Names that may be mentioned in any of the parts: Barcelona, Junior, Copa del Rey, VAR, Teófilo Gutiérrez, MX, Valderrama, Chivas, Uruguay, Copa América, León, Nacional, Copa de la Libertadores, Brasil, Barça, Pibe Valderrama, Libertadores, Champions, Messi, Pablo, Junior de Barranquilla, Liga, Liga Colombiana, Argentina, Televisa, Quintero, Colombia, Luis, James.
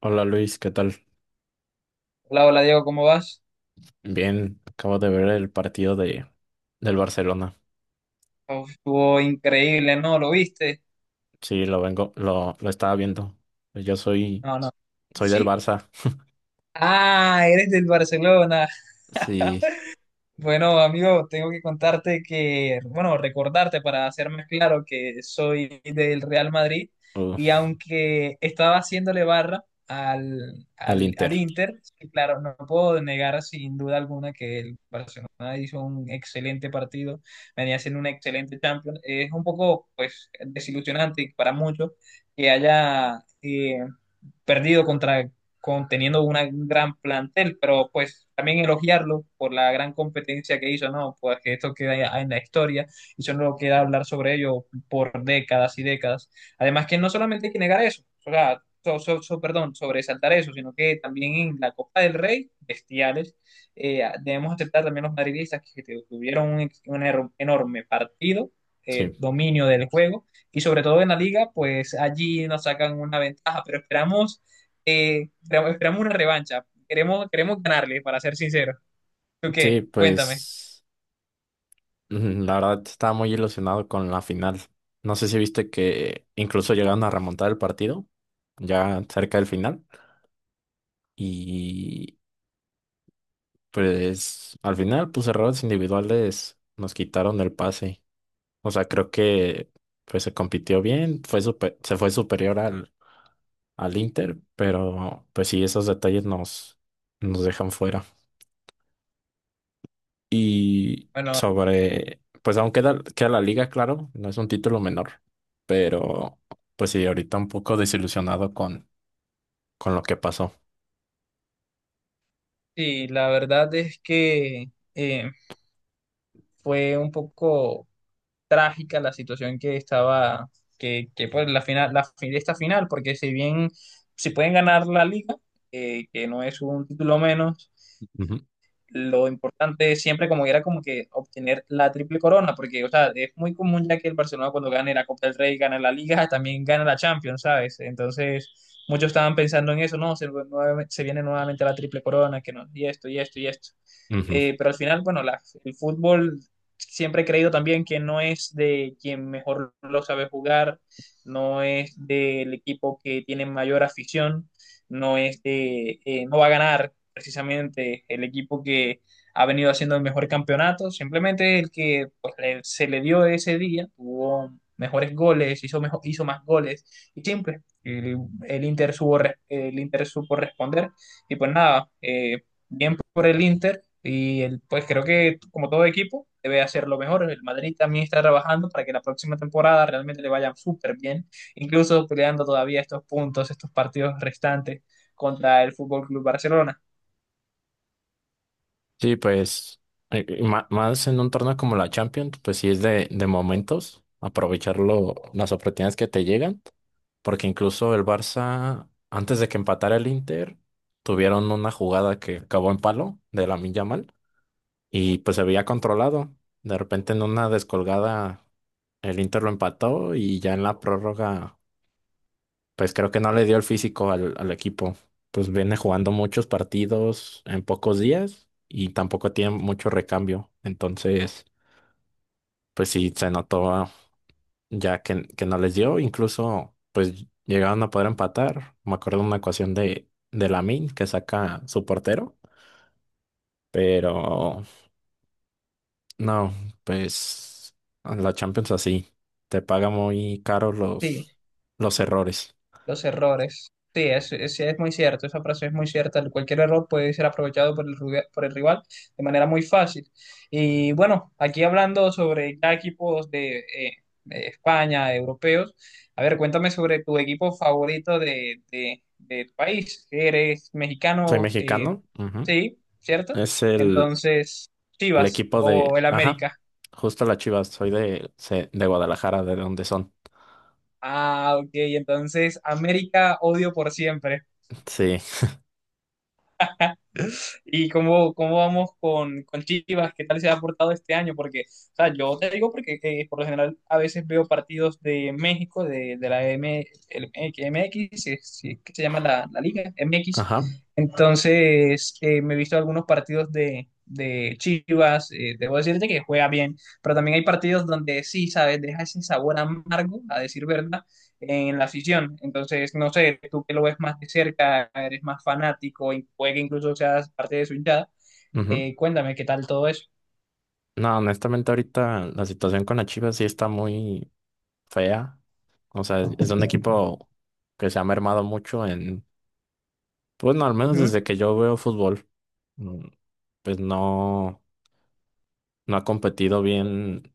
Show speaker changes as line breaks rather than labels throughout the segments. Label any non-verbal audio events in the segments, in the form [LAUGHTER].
Hola Luis, ¿qué tal?
Hola, hola Diego, ¿cómo vas?
Bien, acabo de ver el partido de del Barcelona.
Uf, estuvo increíble, ¿no? ¿Lo viste?
Sí, lo estaba viendo. Yo soy,
No, no.
soy del
¿Sí?
Barça. [LAUGHS]
Ah, eres del Barcelona.
Sí,
[LAUGHS] Bueno, amigo, tengo que contarte que, bueno, recordarte para hacerme claro que soy del Real Madrid
uh,
y aunque estaba haciéndole barra al,
al
al,
Inter.
al Inter, sí, claro, no puedo negar sin duda alguna que el Barcelona hizo un excelente partido, venía haciendo un excelente Champions. Es un poco, pues, desilusionante para muchos que haya perdido contra con, teniendo una, un gran plantel, pero pues también elogiarlo por la gran competencia que hizo, ¿no? Pues que esto queda en la historia y solo queda hablar sobre ello por décadas y décadas. Además que no solamente hay que negar eso, o sea, perdón, sobresaltar eso, sino que también en la Copa del Rey, bestiales, debemos aceptar también los madridistas que tuvieron un enorme partido,
Sí.
dominio del juego y sobre todo en la liga, pues allí nos sacan una ventaja, pero esperamos una revancha. Queremos ganarle, para ser sincero. ¿Tú
Sí,
qué? Cuéntame.
pues la verdad estaba muy ilusionado con la final. No sé si viste que incluso llegaron a remontar el partido, ya cerca del final. Y pues al final, pues errores individuales nos quitaron el pase. O sea, creo que pues se compitió bien, se fue superior al Inter, pero pues sí, nos dejan fuera. Y sobre, pues queda la liga, claro, no es un título menor, pero pues sí, ahorita un poco desilusionado con lo que pasó.
Sí, la verdad es que fue un poco trágica la situación que estaba, que pues la final, esta final, porque si bien si pueden ganar la liga, que no es un título menos,
Ujú,
lo importante siempre como era como que obtener la triple corona, porque, o sea, es muy común ya que el Barcelona cuando gane la Copa del Rey, gana la Liga, [LAUGHS] también gana la Champions, ¿sabes? Entonces, muchos estaban pensando en eso, no, se viene nuevamente la triple corona, que no, y esto, y esto, y esto.
ujú.
Pero al final, bueno, el fútbol siempre he creído también que no es de quien mejor lo sabe jugar, no es del equipo que tiene mayor afición, no es no va a ganar precisamente el equipo que ha venido haciendo el mejor campeonato, simplemente el que pues, se le dio ese día, tuvo mejores goles, hizo más goles y simple. El Inter supo responder y pues nada, por el Inter y pues creo que como todo equipo debe hacerlo mejor. El Madrid también está trabajando para que la próxima temporada realmente le vaya súper bien, incluso peleando todavía estos puntos, estos partidos restantes contra el Fútbol Club Barcelona.
Sí, pues más en un torneo como la Champions, pues sí es de momentos, aprovechar las oportunidades que te llegan. Porque incluso el Barça, antes de que empatara el Inter, tuvieron una jugada que acabó en palo de Lamine Yamal y pues se había controlado. De repente en una descolgada el Inter lo empató y ya en la prórroga, pues creo que no le dio el físico al equipo. Pues viene jugando muchos partidos en pocos días y tampoco tiene mucho recambio. Entonces, pues sí, se notó que no les dio, incluso pues llegaron a poder empatar. Me acuerdo de una ecuación de Lamine que saca su portero, pero no, pues la Champions así, te paga muy caro
Sí,
los errores.
los errores. Sí, es muy cierto, esa frase es muy cierta. Cualquier error puede ser aprovechado por el rival de manera muy fácil. Y bueno, aquí hablando sobre ya equipos de de España, europeos, a ver, cuéntame sobre tu equipo favorito de tu país. Eres
Soy
mexicano,
mexicano, ujú.
sí, ¿cierto?
Es el,
Entonces,
el
Chivas
equipo
o
de,
el
ajá,
América.
justo la Chivas, soy de Guadalajara, de donde son.
Ah, ok, entonces América odio por siempre.
Sí,
¿Y cómo vamos con Chivas? ¿Qué tal se ha aportado este año? Porque, o sea, yo te digo porque por lo general a veces veo partidos de México, de la M, el MX, si es que se llama la liga, MX.
ajá.
Entonces, me he visto algunos partidos de Chivas, debo decirte que juega bien, pero también hay partidos donde sí, ¿sabes? Deja ese sabor amargo, a decir verdad en la afición. Entonces, no sé, tú que lo ves más de cerca, eres más fanático y puede que incluso seas parte de su hinchada,
Ujú.
cuéntame qué tal todo eso.
No, honestamente ahorita la situación con la Chivas sí está muy fea. O sea, es un equipo que se ha mermado mucho en, pues no, al menos
Ujú.
desde que yo veo fútbol, mm, pues no, no ha competido bien.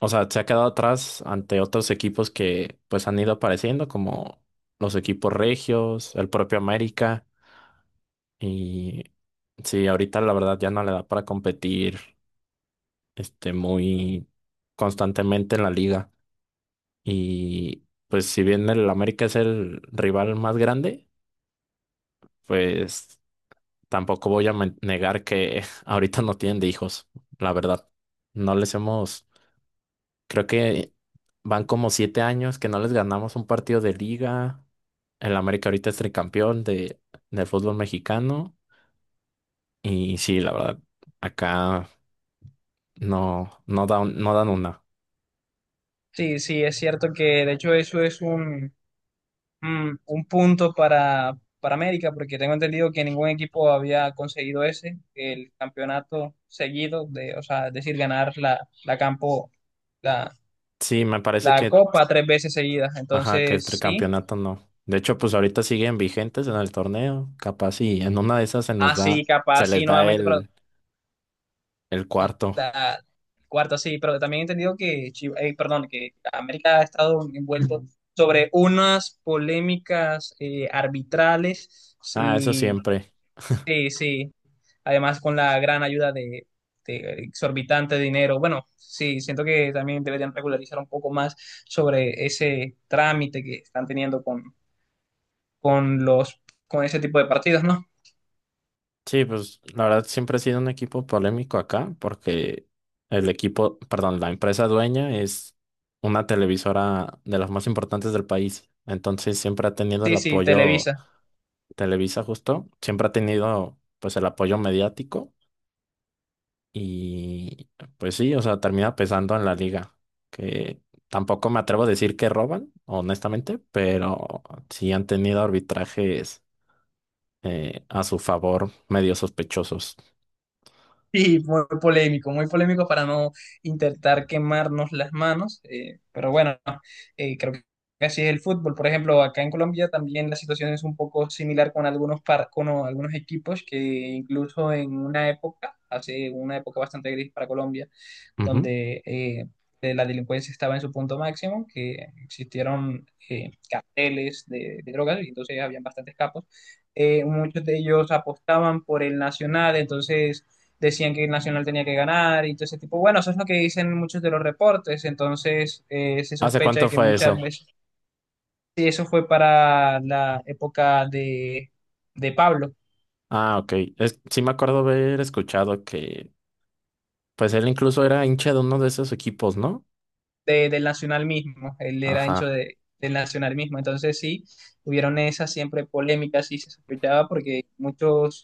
O sea, se ha quedado atrás ante otros equipos que pues han ido apareciendo, como los equipos regios, el propio América. Y sí, ahorita la verdad ya no le da para competir este, muy constantemente en la liga. Y pues si bien el América es el rival más grande, pues tampoco voy a negar que [LAUGHS] ahorita no tienen de hijos, la verdad. No les hemos, creo que van como 7 años que no les ganamos un partido de liga. El América ahorita es tricampeón de, del fútbol mexicano. Y sí, la verdad, acá no, no dan una.
Sí, sí, es cierto que de hecho eso es un punto para América, porque tengo entendido que ningún equipo había conseguido ese, el campeonato seguido, de, o sea, es decir, ganar la,
Sí,
la copa tres veces seguidas.
ajá, que el
Entonces, sí,
tricampeonato no. De hecho, pues ahorita siguen vigentes en el torneo. Capaz y en una de esas se nos
así
da,
capaz,
se les
sí,
da
nuevamente, pero
el cuarto.
la cuarta, sí, pero también he entendido que, perdón, que América ha estado envuelto sobre unas polémicas arbitrales,
Ah, eso
sí,
siempre.
sí, sí, además con la gran ayuda de exorbitante dinero, bueno, sí, siento que también deberían regularizar un poco más sobre ese trámite que están teniendo con los, con ese tipo de partidos, ¿no?
Sí, pues la verdad siempre ha sido un equipo polémico acá porque el equipo, perdón, la empresa dueña es una televisora de las más importantes del país. Entonces siempre ha tenido el
Sí, sí,
apoyo.
Televisa.
Televisa justo, siempre ha tenido pues el apoyo mediático y pues sí, o sea, termina pesando en la liga, que tampoco me atrevo a decir que roban, honestamente, pero sí han tenido arbitrajes a su favor medio sospechosos.
Sí, muy polémico para no intentar quemarnos las manos, pero bueno, creo que así es el fútbol. Por ejemplo, acá en Colombia también la situación es un poco similar con algunos equipos que incluso en una época, hace una época bastante gris para Colombia donde la delincuencia estaba en su punto máximo, que existieron carteles de drogas y entonces habían bastantes capos. Muchos de ellos apostaban por el Nacional, entonces decían que el Nacional tenía que ganar y todo ese tipo. Bueno, eso es lo que dicen muchos de los reportes, entonces se
¿Hace
sospecha
cuánto
de que
fue
muchas
eso?
veces sí, eso fue para la época de Pablo.
Ah, ok. Sí me acuerdo haber escuchado que, pues él incluso era hincha de uno de esos equipos, ¿no?
Del Nacional mismo, él era ancho
Ajá,
del Nacional mismo, entonces sí, hubieron esas siempre polémicas y se sospechaba porque muchos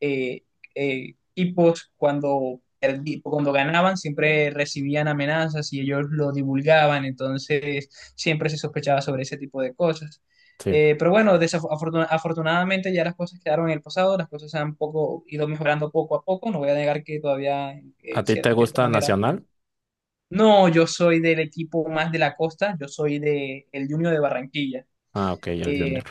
eh, equipos cuando ganaban siempre recibían amenazas y ellos lo divulgaban, entonces siempre se sospechaba sobre ese tipo de cosas.
sí.
Pero bueno, afortunadamente ya las cosas quedaron en el pasado, las cosas han poco, ido mejorando poco a poco, no voy a negar que todavía,
¿A ti te
de cierta
gusta
manera,
Nacional?
no, yo soy del equipo más de la costa, yo soy de el Junior de Barranquilla.
Ah, ok, el Junior.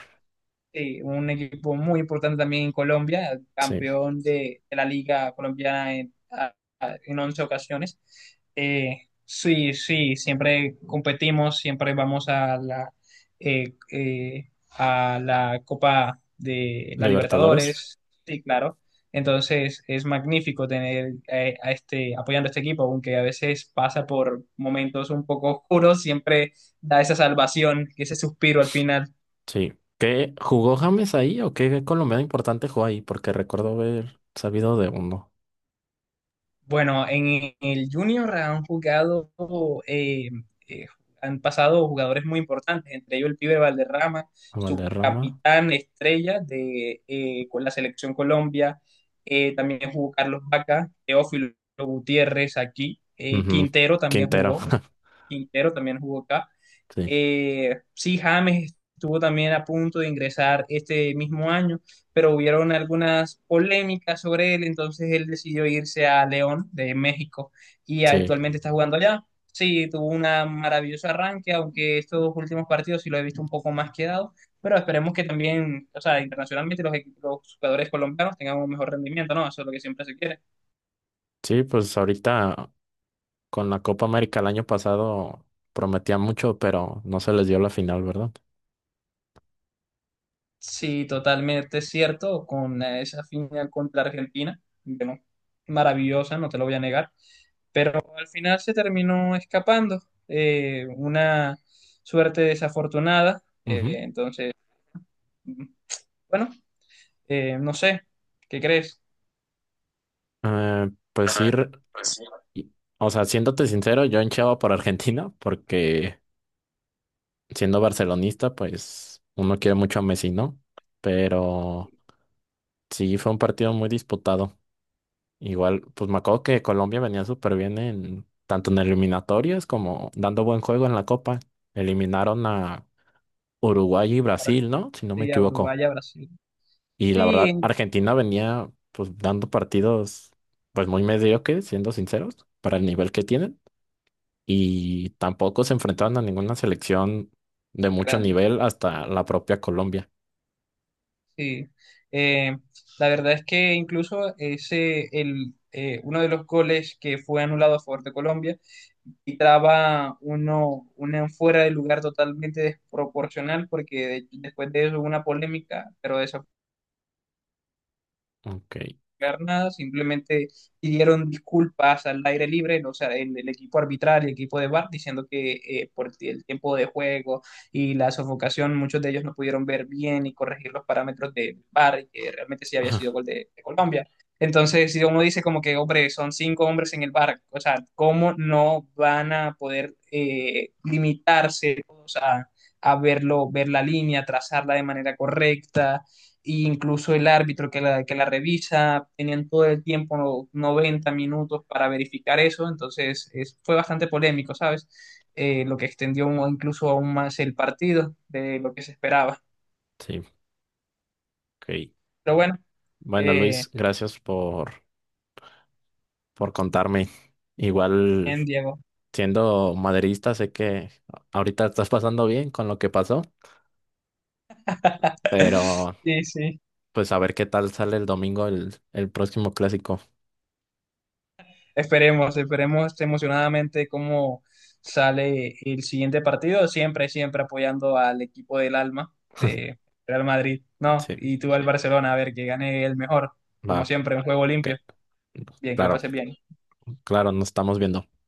Sí, un equipo muy importante también en Colombia,
Sí.
campeón de la Liga Colombiana en, en 11 ocasiones. Sí, sí, siempre competimos, siempre vamos a la Copa de la
¿Libertadores?
Libertadores, sí, claro. Entonces es magnífico tener apoyando a este equipo, aunque a veces pasa por momentos un poco oscuros, siempre da esa salvación, ese suspiro al final.
Sí. ¿Qué jugó James ahí o qué colombiano importante jugó ahí? Porque recuerdo haber sabido de uno.
Bueno, en el Junior eh, eh, han pasado jugadores muy importantes, entre ellos el Pibe Valderrama, su
Valderrama.
capitán estrella de con la selección Colombia, también jugó Carlos Vaca, Teófilo Gutiérrez aquí,
Ujú.
Quintero también
Quintero.
jugó,
[LAUGHS]
Acá,
Sí,
sí, James estuvo también a punto de ingresar este mismo año, pero hubieron algunas polémicas sobre él, entonces él decidió irse a León de México y
sí.
actualmente está jugando allá. Sí, tuvo una maravilloso arranque, aunque estos últimos partidos sí lo he visto un poco más quedado, pero esperemos que también, o sea, internacionalmente los jugadores colombianos tengan un mejor rendimiento, ¿no? Eso es lo que siempre se quiere.
Sí, pues ahorita con la Copa América el año pasado prometía mucho, pero no se les dio la final, ¿verdad?
Sí, totalmente cierto, con esa final contra Argentina, bueno, maravillosa, no te lo voy a negar. Al final se terminó escapando, una suerte desafortunada,
Ujú.
entonces, mm, bueno, no sé, ¿qué crees?
Pues y- o sea, siéndote sincero, yo hinchaba por Argentina porque siendo barcelonista, pues uno quiere mucho a Messi, ¿no? Pero sí, fue un partido muy disputado. Igual, pues me acuerdo que Colombia venía súper bien en tanto en eliminatorias como dando buen juego en la Copa. Eliminaron a Uruguay y Brasil, ¿no? Si no me
Sí, a
equivoco.
Uruguay, a Brasil.
Y la verdad,
Sí,
Argentina venía pues dando partidos pues muy mediocres, siendo sinceros, para el nivel que tienen. Y tampoco se enfrentaron a ninguna selección de mucho
grande.
nivel hasta la propia Colombia.
Sí, eh, la verdad es que incluso ese, el, uno de los goles que fue anulado a favor de Colombia quitaba una fuera de lugar totalmente desproporcional porque después de eso hubo una polémica, pero
Ok,
explicar nada, simplemente pidieron disculpas al aire libre, o sea, el equipo arbitral, el equipo de VAR, diciendo que por el tiempo de juego y la sofocación, muchos de ellos no pudieron ver bien y corregir los parámetros del VAR, y que realmente sí había sido
[LAUGHS]
gol de Colombia. Entonces, si uno dice como que, hombre, son cinco hombres en el VAR, o sea, ¿cómo no van a poder limitarse o sea, a verlo, ver la línea, trazarla de manera correcta? E incluso el árbitro que la revisa, tenían todo el tiempo, 90 minutos para verificar eso, entonces fue bastante polémico, ¿sabes? Lo que extendió incluso aún más el partido de lo que se esperaba.
sí, ok.
Pero bueno,
Bueno,
eh,
Luis, gracias por contarme. Igual
bien, Diego.
siendo maderista, sé que ahorita estás pasando bien con lo que pasó, pero
Sí, sí.
pues a ver qué tal sale el domingo el próximo clásico.
Esperemos, esperemos emocionadamente cómo sale el siguiente partido, siempre, siempre apoyando al equipo del alma, de Real Madrid, ¿no?
Sí,
Y tú al Barcelona, a ver que gane el mejor,
va.
como siempre, un juego
Ok.
limpio. Bien, que la
Claro,
pases bien.
claro, nos estamos viendo.